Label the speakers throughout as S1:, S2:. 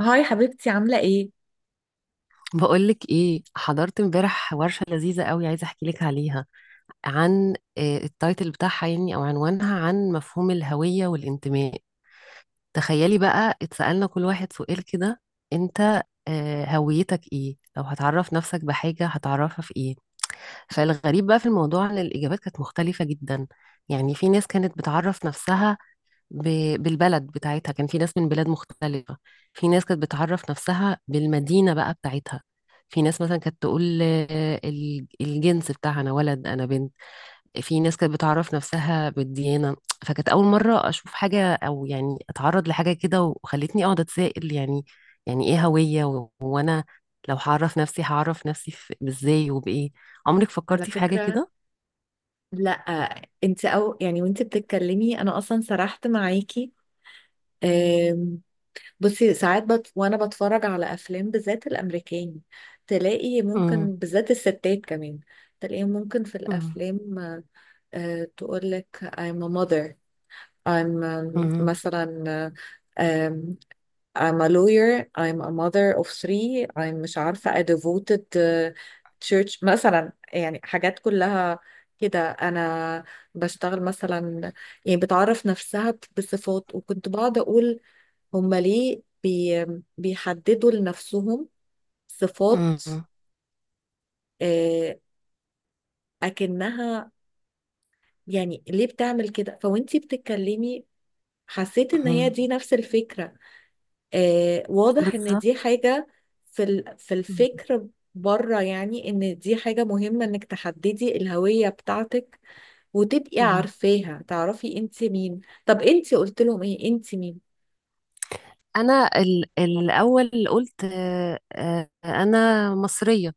S1: هاي حبيبتي، عاملة ايه؟
S2: بقولك ايه؟ حضرت امبارح ورشة لذيذة قوي، عايزة احكي لك عليها. عن التايتل بتاعها يعني او عنوانها، عن مفهوم الهوية والانتماء. تخيلي بقى اتسألنا كل واحد سؤال كده. انت هويتك ايه؟ لو هتعرف نفسك بحاجة هتعرفها في ايه؟ فالغريب بقى في الموضوع ان الاجابات كانت مختلفة جدا. يعني في ناس كانت بتعرف نفسها بالبلد بتاعتها، كان في ناس من بلاد مختلفة. في ناس كانت بتعرف نفسها بالمدينة بقى بتاعتها. في ناس مثلا كانت تقول الجنس بتاعها، أنا ولد أنا بنت. في ناس كانت بتعرف نفسها بالديانة. فكانت أول مرة أشوف حاجة أو يعني أتعرض لحاجة كده، وخلتني أقعد أتسائل يعني، يعني إيه هوية وأنا لو هعرف نفسي هعرف نفسي إزاي وبإيه؟ عمرك
S1: على
S2: فكرتي في حاجة
S1: فكرة
S2: كده؟
S1: لا. انت او يعني وانت بتتكلمي انا اصلا سرحت معاكي. أم، بصي ساعات وانا بتفرج على افلام بالذات الامريكاني، تلاقي
S2: مم.
S1: ممكن، بالذات الستات كمان، تلاقيهم ممكن في
S2: مم.
S1: الافلام تقول لك I'm a mother، I'm
S2: مم.
S1: مثلا I'm a lawyer, I'm a mother of three, I'm مش عارفة a devoted church، مثلا يعني حاجات كلها كده. أنا بشتغل مثلا، يعني بتعرف نفسها بصفات. وكنت بقعد أقول هما ليه بي بيحددوا لنفسهم صفات؟
S2: مم.
S1: آه، أكنها يعني ليه بتعمل كده؟ فوانتي بتتكلمي حسيت إن هي
S2: مم.
S1: دي نفس الفكرة. واضح ان دي
S2: بالظبط.
S1: حاجة في في الفكر بره، يعني ان دي حاجة مهمة انك تحددي الهوية بتاعتك وتبقي
S2: مم.
S1: عارفاها، تعرفي انت مين. طب انت قلت لهم ايه؟ انت مين؟
S2: انا الاول قلت انا مصريه.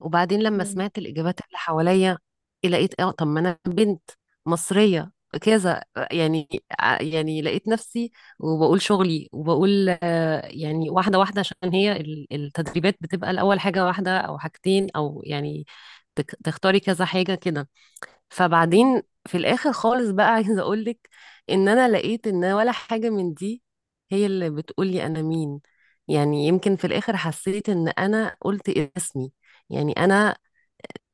S2: وبعدين لما
S1: مم.
S2: سمعت الاجابات اللي حواليا، إيه، لقيت اه طب ما انا بنت مصريه، كذا يعني. يعني لقيت نفسي وبقول شغلي وبقول، يعني واحده واحده، عشان هي التدريبات بتبقى الاول حاجه واحده او حاجتين او يعني تختاري كذا حاجه كده. فبعدين في الاخر خالص بقى عايزه اقولك ان انا لقيت ان ولا حاجه من دي هي اللي بتقولي انا مين. يعني يمكن في الاخر حسيت ان انا قلت اسمي، يعني انا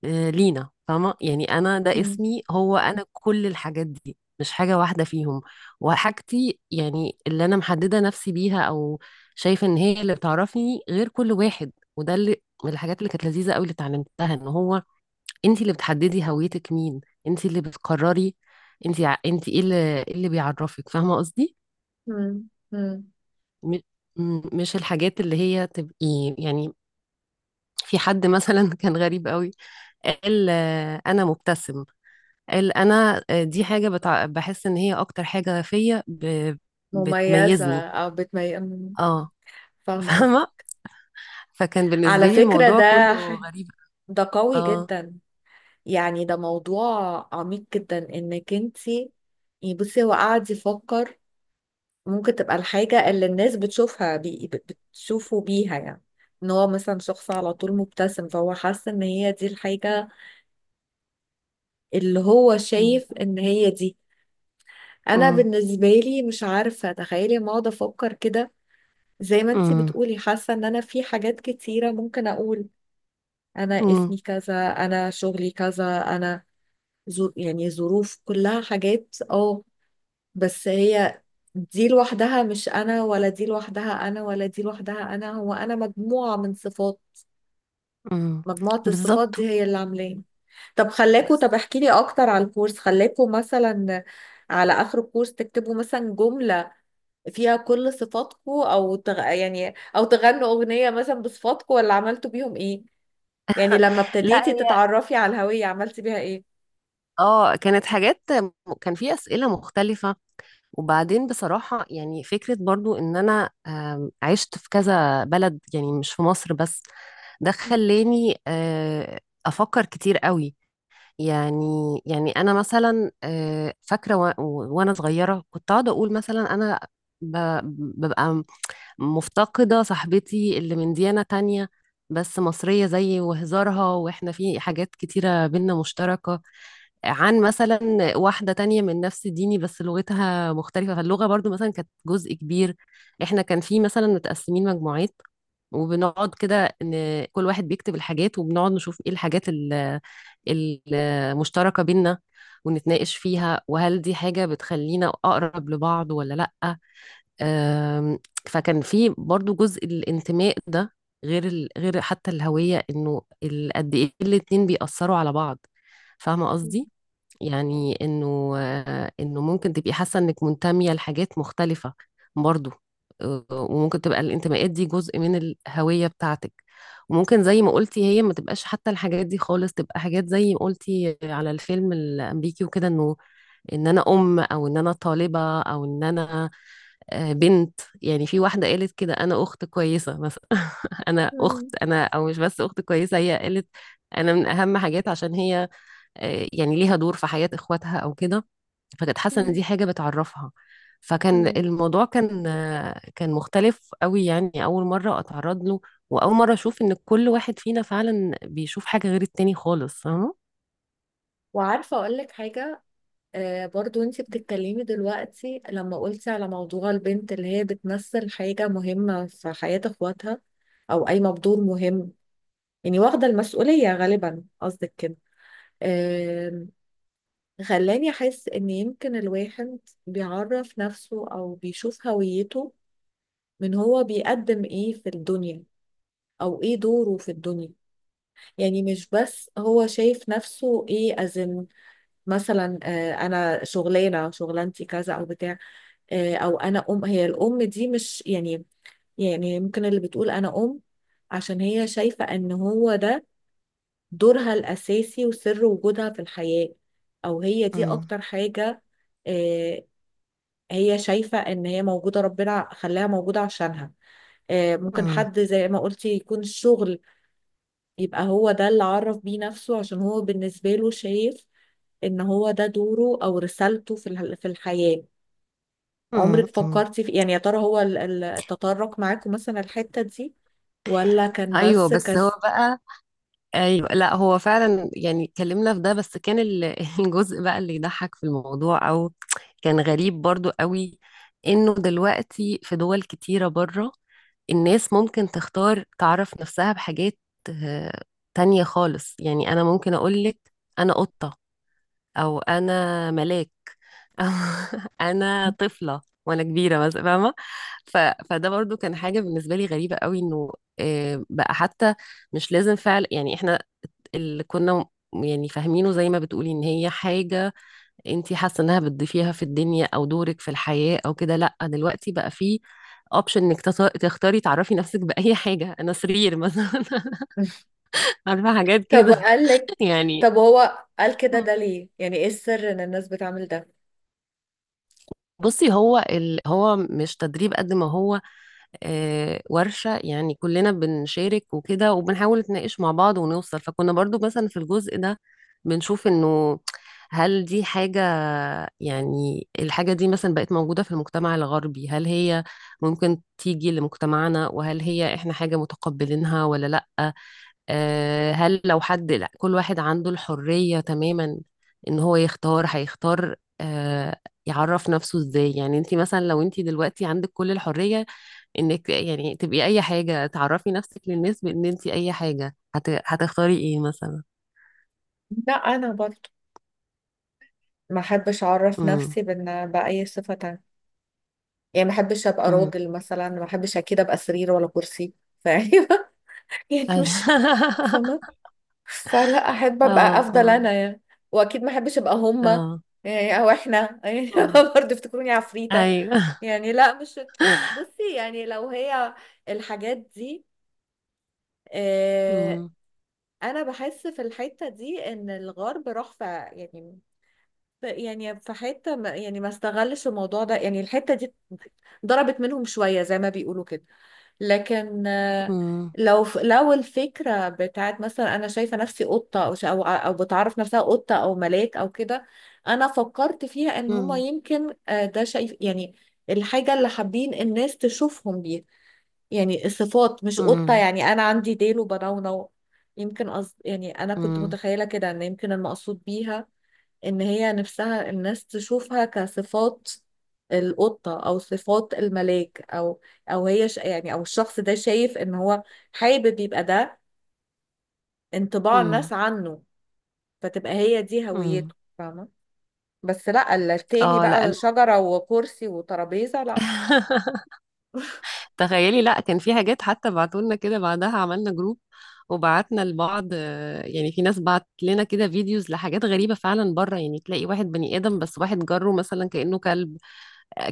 S2: لينا، فاهمه؟ يعني انا ده
S1: مم.
S2: اسمي هو انا، كل الحاجات دي مش حاجه واحده فيهم وحاجتي، يعني اللي انا محدده نفسي بيها او شايفه ان هي اللي بتعرفني غير كل واحد. وده اللي من الحاجات اللي كانت لذيذه قوي اللي اتعلمتها ان هو انت اللي بتحددي هويتك مين، انت اللي بتقرري انت، انت ايه اللي، إيه اللي بيعرفك. فاهمه قصدي؟
S1: مم. مم.
S2: م- مش الحاجات اللي هي تبقي يعني، في حد مثلا كان غريب قوي، قال انا مبتسم، قال انا دي حاجه بتع... بحس ان هي اكتر حاجه فيا ب...
S1: مميزة
S2: بتميزني.
S1: او مم.
S2: اه.
S1: فاهمة قصدي.
S2: فاهمه. فكان بالنسبه
S1: على
S2: لي
S1: فكرة
S2: الموضوع
S1: ده
S2: كله غريب.
S1: ده قوي
S2: اه.
S1: جدا، يعني ده موضوع عميق جدا، انك انت يعني بصي هو قاعد يفكر ممكن تبقى الحاجة اللي الناس بتشوفه بيها، يعني ان هو مثلا شخص على طول مبتسم، فهو حاسس ان هي دي الحاجة اللي هو شايف ان هي دي. انا
S2: امم.
S1: بالنسبة لي مش عارفة، تخيلي، ما اقعد افكر كده زي ما انتي
S2: امم.
S1: بتقولي. حاسة ان انا في حاجات كتيرة ممكن اقول انا اسمي كذا، انا شغلي كذا، انا يعني ظروف، كلها حاجات، اه، بس هي دي لوحدها مش انا، ولا دي لوحدها انا، ولا دي لوحدها انا. هو انا مجموعة من صفات،
S2: امم.
S1: مجموعة الصفات
S2: بالظبط.
S1: دي هي اللي عاملاني. طب خلاكوا، طب احكي لي اكتر على الكورس. خلاكوا مثلا على اخر الكورس تكتبوا مثلا جملة فيها كل صفاتكوا، او يعني او تغنوا اغنية مثلا بصفاتكوا، ولا عملتوا بيهم ايه؟ يعني لما
S2: لا
S1: ابتديتي تتعرفي على الهوية عملتي بيها ايه؟
S2: اه، كانت حاجات، كان في أسئلة مختلفة. وبعدين بصراحة يعني فكرة برضو ان انا عشت في كذا بلد، يعني مش في مصر بس. ده خلاني افكر كتير قوي يعني. يعني انا مثلا فاكرة وانا صغيرة كنت اقعد اقول مثلا انا ب- ببقى مفتقدة صاحبتي اللي من ديانة تانية بس مصرية زيي وهزارها، واحنا في حاجات كتيرة بينا مشتركة. عن مثلا واحدة تانية من نفس ديني بس لغتها مختلفة، فاللغة برضو مثلا كانت جزء كبير. احنا كان في مثلا متقسمين مجموعات وبنقعد كده ان كل واحد بيكتب الحاجات وبنقعد نشوف ايه الحاجات المشتركة بينا ونتناقش فيها، وهل دي حاجة بتخلينا أقرب لبعض ولا لأ. أم، فكان في برضو جزء الانتماء ده، غير غير حتى الهوية، انه قد ايه الاتنين بيأثروا على بعض. فاهمة قصدي؟ يعني انه انه ممكن تبقي حاسه انك منتميه لحاجات مختلفه برضو، وممكن تبقى الانتماءات دي جزء من الهويه بتاعتك. وممكن زي ما قلتي هي ما تبقاش حتى الحاجات دي خالص، تبقى حاجات زي ما قلتي على الفيلم الامريكي وكده، انه ان انا ام، او ان انا طالبه، او ان انا بنت. يعني في واحده قالت كده انا اخت كويسه مثلا، انا اخت انا، او مش بس اخت كويسه، هي قالت انا من اهم حاجات عشان هي يعني ليها دور في حياة اخواتها او كده، فكانت حاسة ان دي حاجة بتعرفها. فكان الموضوع كان كان مختلف قوي، يعني اول مرة اتعرض له واول مرة اشوف ان كل واحد فينا فعلا بيشوف حاجة غير التاني خالص. فاهمة؟
S1: وعارفة اقول لك حاجة، آه برضو انتي بتتكلمي دلوقتي لما قلتي على موضوع البنت اللي هي بتمثل حاجة مهمة في حياة اخواتها، او قايمة بدور مهم، يعني واخدة المسؤولية غالبا قصدك كده، آه، خلاني احس ان يمكن الواحد بيعرف نفسه او بيشوف هويته من هو بيقدم ايه في الدنيا، او ايه دوره في الدنيا. يعني مش بس هو شايف نفسه ايه as in مثلا آه انا شغلانة، شغلانتي كذا او بتاع، او انا ام. هي الام دي مش يعني، يعني ممكن اللي بتقول انا ام عشان هي شايفة ان هو ده دورها الاساسي وسر وجودها في الحياة، او هي دي
S2: مم.
S1: اكتر حاجة. آه، هي شايفة ان هي موجودة، ربنا خلاها موجودة عشانها. ممكن
S2: مم.
S1: حد زي ما قلتي يكون الشغل يبقى هو ده اللي عرف بيه نفسه، عشان هو بالنسبة له شايف ان هو ده دوره او رسالته في في الحياة.
S2: مم.
S1: عمرك
S2: مم.
S1: فكرتي في يعني يا ترى هو التطرق معاكم مثلا الحتة دي، ولا كان
S2: ايوه
S1: بس
S2: بس هو
S1: كسل؟
S2: بقى، ايوه لا، هو فعلا يعني اتكلمنا في ده، بس كان الجزء بقى اللي يضحك في الموضوع او كان غريب برضو قوي، انه دلوقتي في دول كتيرة بره الناس ممكن تختار تعرف نفسها بحاجات آه، تانية خالص. يعني أنا ممكن أقولك أنا قطة، أو أنا ملاك، أو أنا طفلة وأنا كبيرة مثلا، فاهمة؟ ف... فده برضو كان حاجة بالنسبة لي غريبة قوي، إنه بقى حتى مش لازم فعل يعني إحنا اللي كنا يعني فاهمينه زي ما بتقولي إن هي حاجة انتي حاسه انها بتضيفيها في الدنيا او دورك في الحياه او كده. لا دلوقتي بقى في اوبشن انك تختاري تعرفي نفسك باي حاجه، انا سرير مثلا. عارفه، حاجات
S1: طب
S2: كده
S1: وقال لك،
S2: يعني.
S1: طب هو قال كده ده ليه؟ يعني ايه السر ان الناس بتعمل ده؟
S2: بصي هو هو مش تدريب قد ما هو ورشة، يعني كلنا بنشارك وكده وبنحاول نتناقش مع بعض ونوصل. فكنا برضو مثلا في الجزء ده بنشوف انه هل دي حاجة، يعني الحاجة دي مثلا بقت موجودة في المجتمع الغربي، هل هي ممكن تيجي لمجتمعنا؟ وهل هي احنا حاجة متقبلينها ولا لأ؟ هل لو حد، لا كل واحد عنده الحرية تماما ان هو يختار، هيختار يعرف نفسه ازاي. يعني انت مثلا لو انت دلوقتي عندك كل الحرية انك يعني تبقي اي حاجة، تعرفي نفسك للناس بان انت اي حاجة، هت... هتختاري ايه مثلا؟
S1: لا انا برضه ما احبش اعرف
S2: امم.
S1: نفسي بان باي صفه تانية. يعني ما احبش ابقى
S2: امم.
S1: راجل مثلا، ما احبش اكيد ابقى سرير ولا كرسي. فاهمة؟ يعني
S2: ايوه.
S1: مش فاهمة. فلا، احب ابقى،
S2: اه،
S1: افضل
S2: اه،
S1: انا يعني. واكيد ما احبش ابقى هما،
S2: اه.
S1: يعني او احنا يعني،
S2: أمم.
S1: برضه افتكروني عفريتة.
S2: ايوه.
S1: يعني لا، مش، بصي يعني لو هي الحاجات دي، آه،
S2: امم.
S1: انا بحس في الحتة دي ان الغرب راح في، يعني يعني في حتة ما، يعني ما استغلش الموضوع ده. يعني الحتة دي ضربت منهم شوية زي ما بيقولوا كده. لكن
S2: امم.
S1: لو لو الفكرة بتاعت مثلا انا شايفة نفسي قطة، او أو بتعرف نفسها قطة او ملاك او كده، انا فكرت فيها ان هما
S2: امم.
S1: يمكن، ده شايف يعني الحاجة اللي حابين الناس تشوفهم بيها، يعني الصفات مش قطة
S2: امم.
S1: يعني أنا عندي ديل وبنونو. يمكن قصد يعني، أنا كنت
S2: امم.
S1: متخيلة كده إن يمكن المقصود بيها إن هي نفسها الناس تشوفها كصفات القطة، أو صفات الملاك، أو أو هي يعني أو الشخص ده شايف إن هو حابب يبقى ده انطباع الناس عنه، فتبقى هي دي
S2: امم.
S1: هويته. فاهمة. بس لا، التاني
S2: اه لا،
S1: بقى شجرة وكرسي وترابيزة، لا.
S2: تخيلي، لا كان في حاجات حتى بعتولنا كده بعدها، عملنا جروب وبعتنا لبعض يعني. في ناس بعت لنا كده فيديوز لحاجات غريبة فعلا بره، يعني تلاقي واحد بني آدم بس واحد جره مثلا كأنه كلب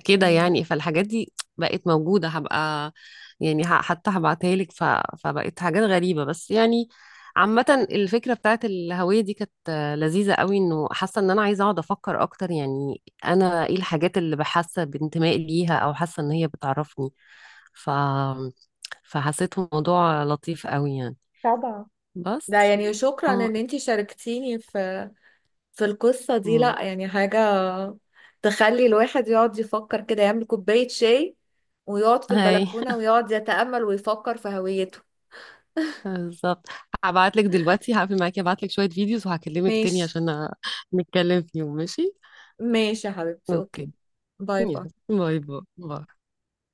S2: كده
S1: مم.
S2: يعني. فالحاجات دي بقت موجودة، هبقى يعني حتى هبعتها لك. ف... فبقت حاجات غريبة بس يعني. عامة الفكرة بتاعت الهوية دي كانت لذيذة قوي، انه حاسة ان انا عايزة اقعد افكر اكتر يعني انا ايه الحاجات اللي بحاسة بانتماء ليها او حاسة ان هي بتعرفني. ف... فحسيته موضوع لطيف قوي يعني.
S1: طبعا. ده
S2: بس
S1: يعني شكرا
S2: اه.
S1: ان انتي شاركتيني في في القصة دي.
S2: أمم.
S1: لا يعني حاجة تخلي الواحد يقعد يفكر كده، يعمل كوباية شاي ويقعد في
S2: هاي.
S1: البلكونة ويقعد يتأمل ويفكر في هويته.
S2: بالظبط. هبعت لك دلوقتي، هقفل معاكي، هبعت لك شوية فيديوز وهكلمك تاني
S1: ماشي.
S2: عشان نتكلم فيهم، ماشي؟
S1: ماشي يا حبيبتي، اوكي.
S2: اوكي.
S1: باي
S2: يلا
S1: باي.
S2: باي باي باي.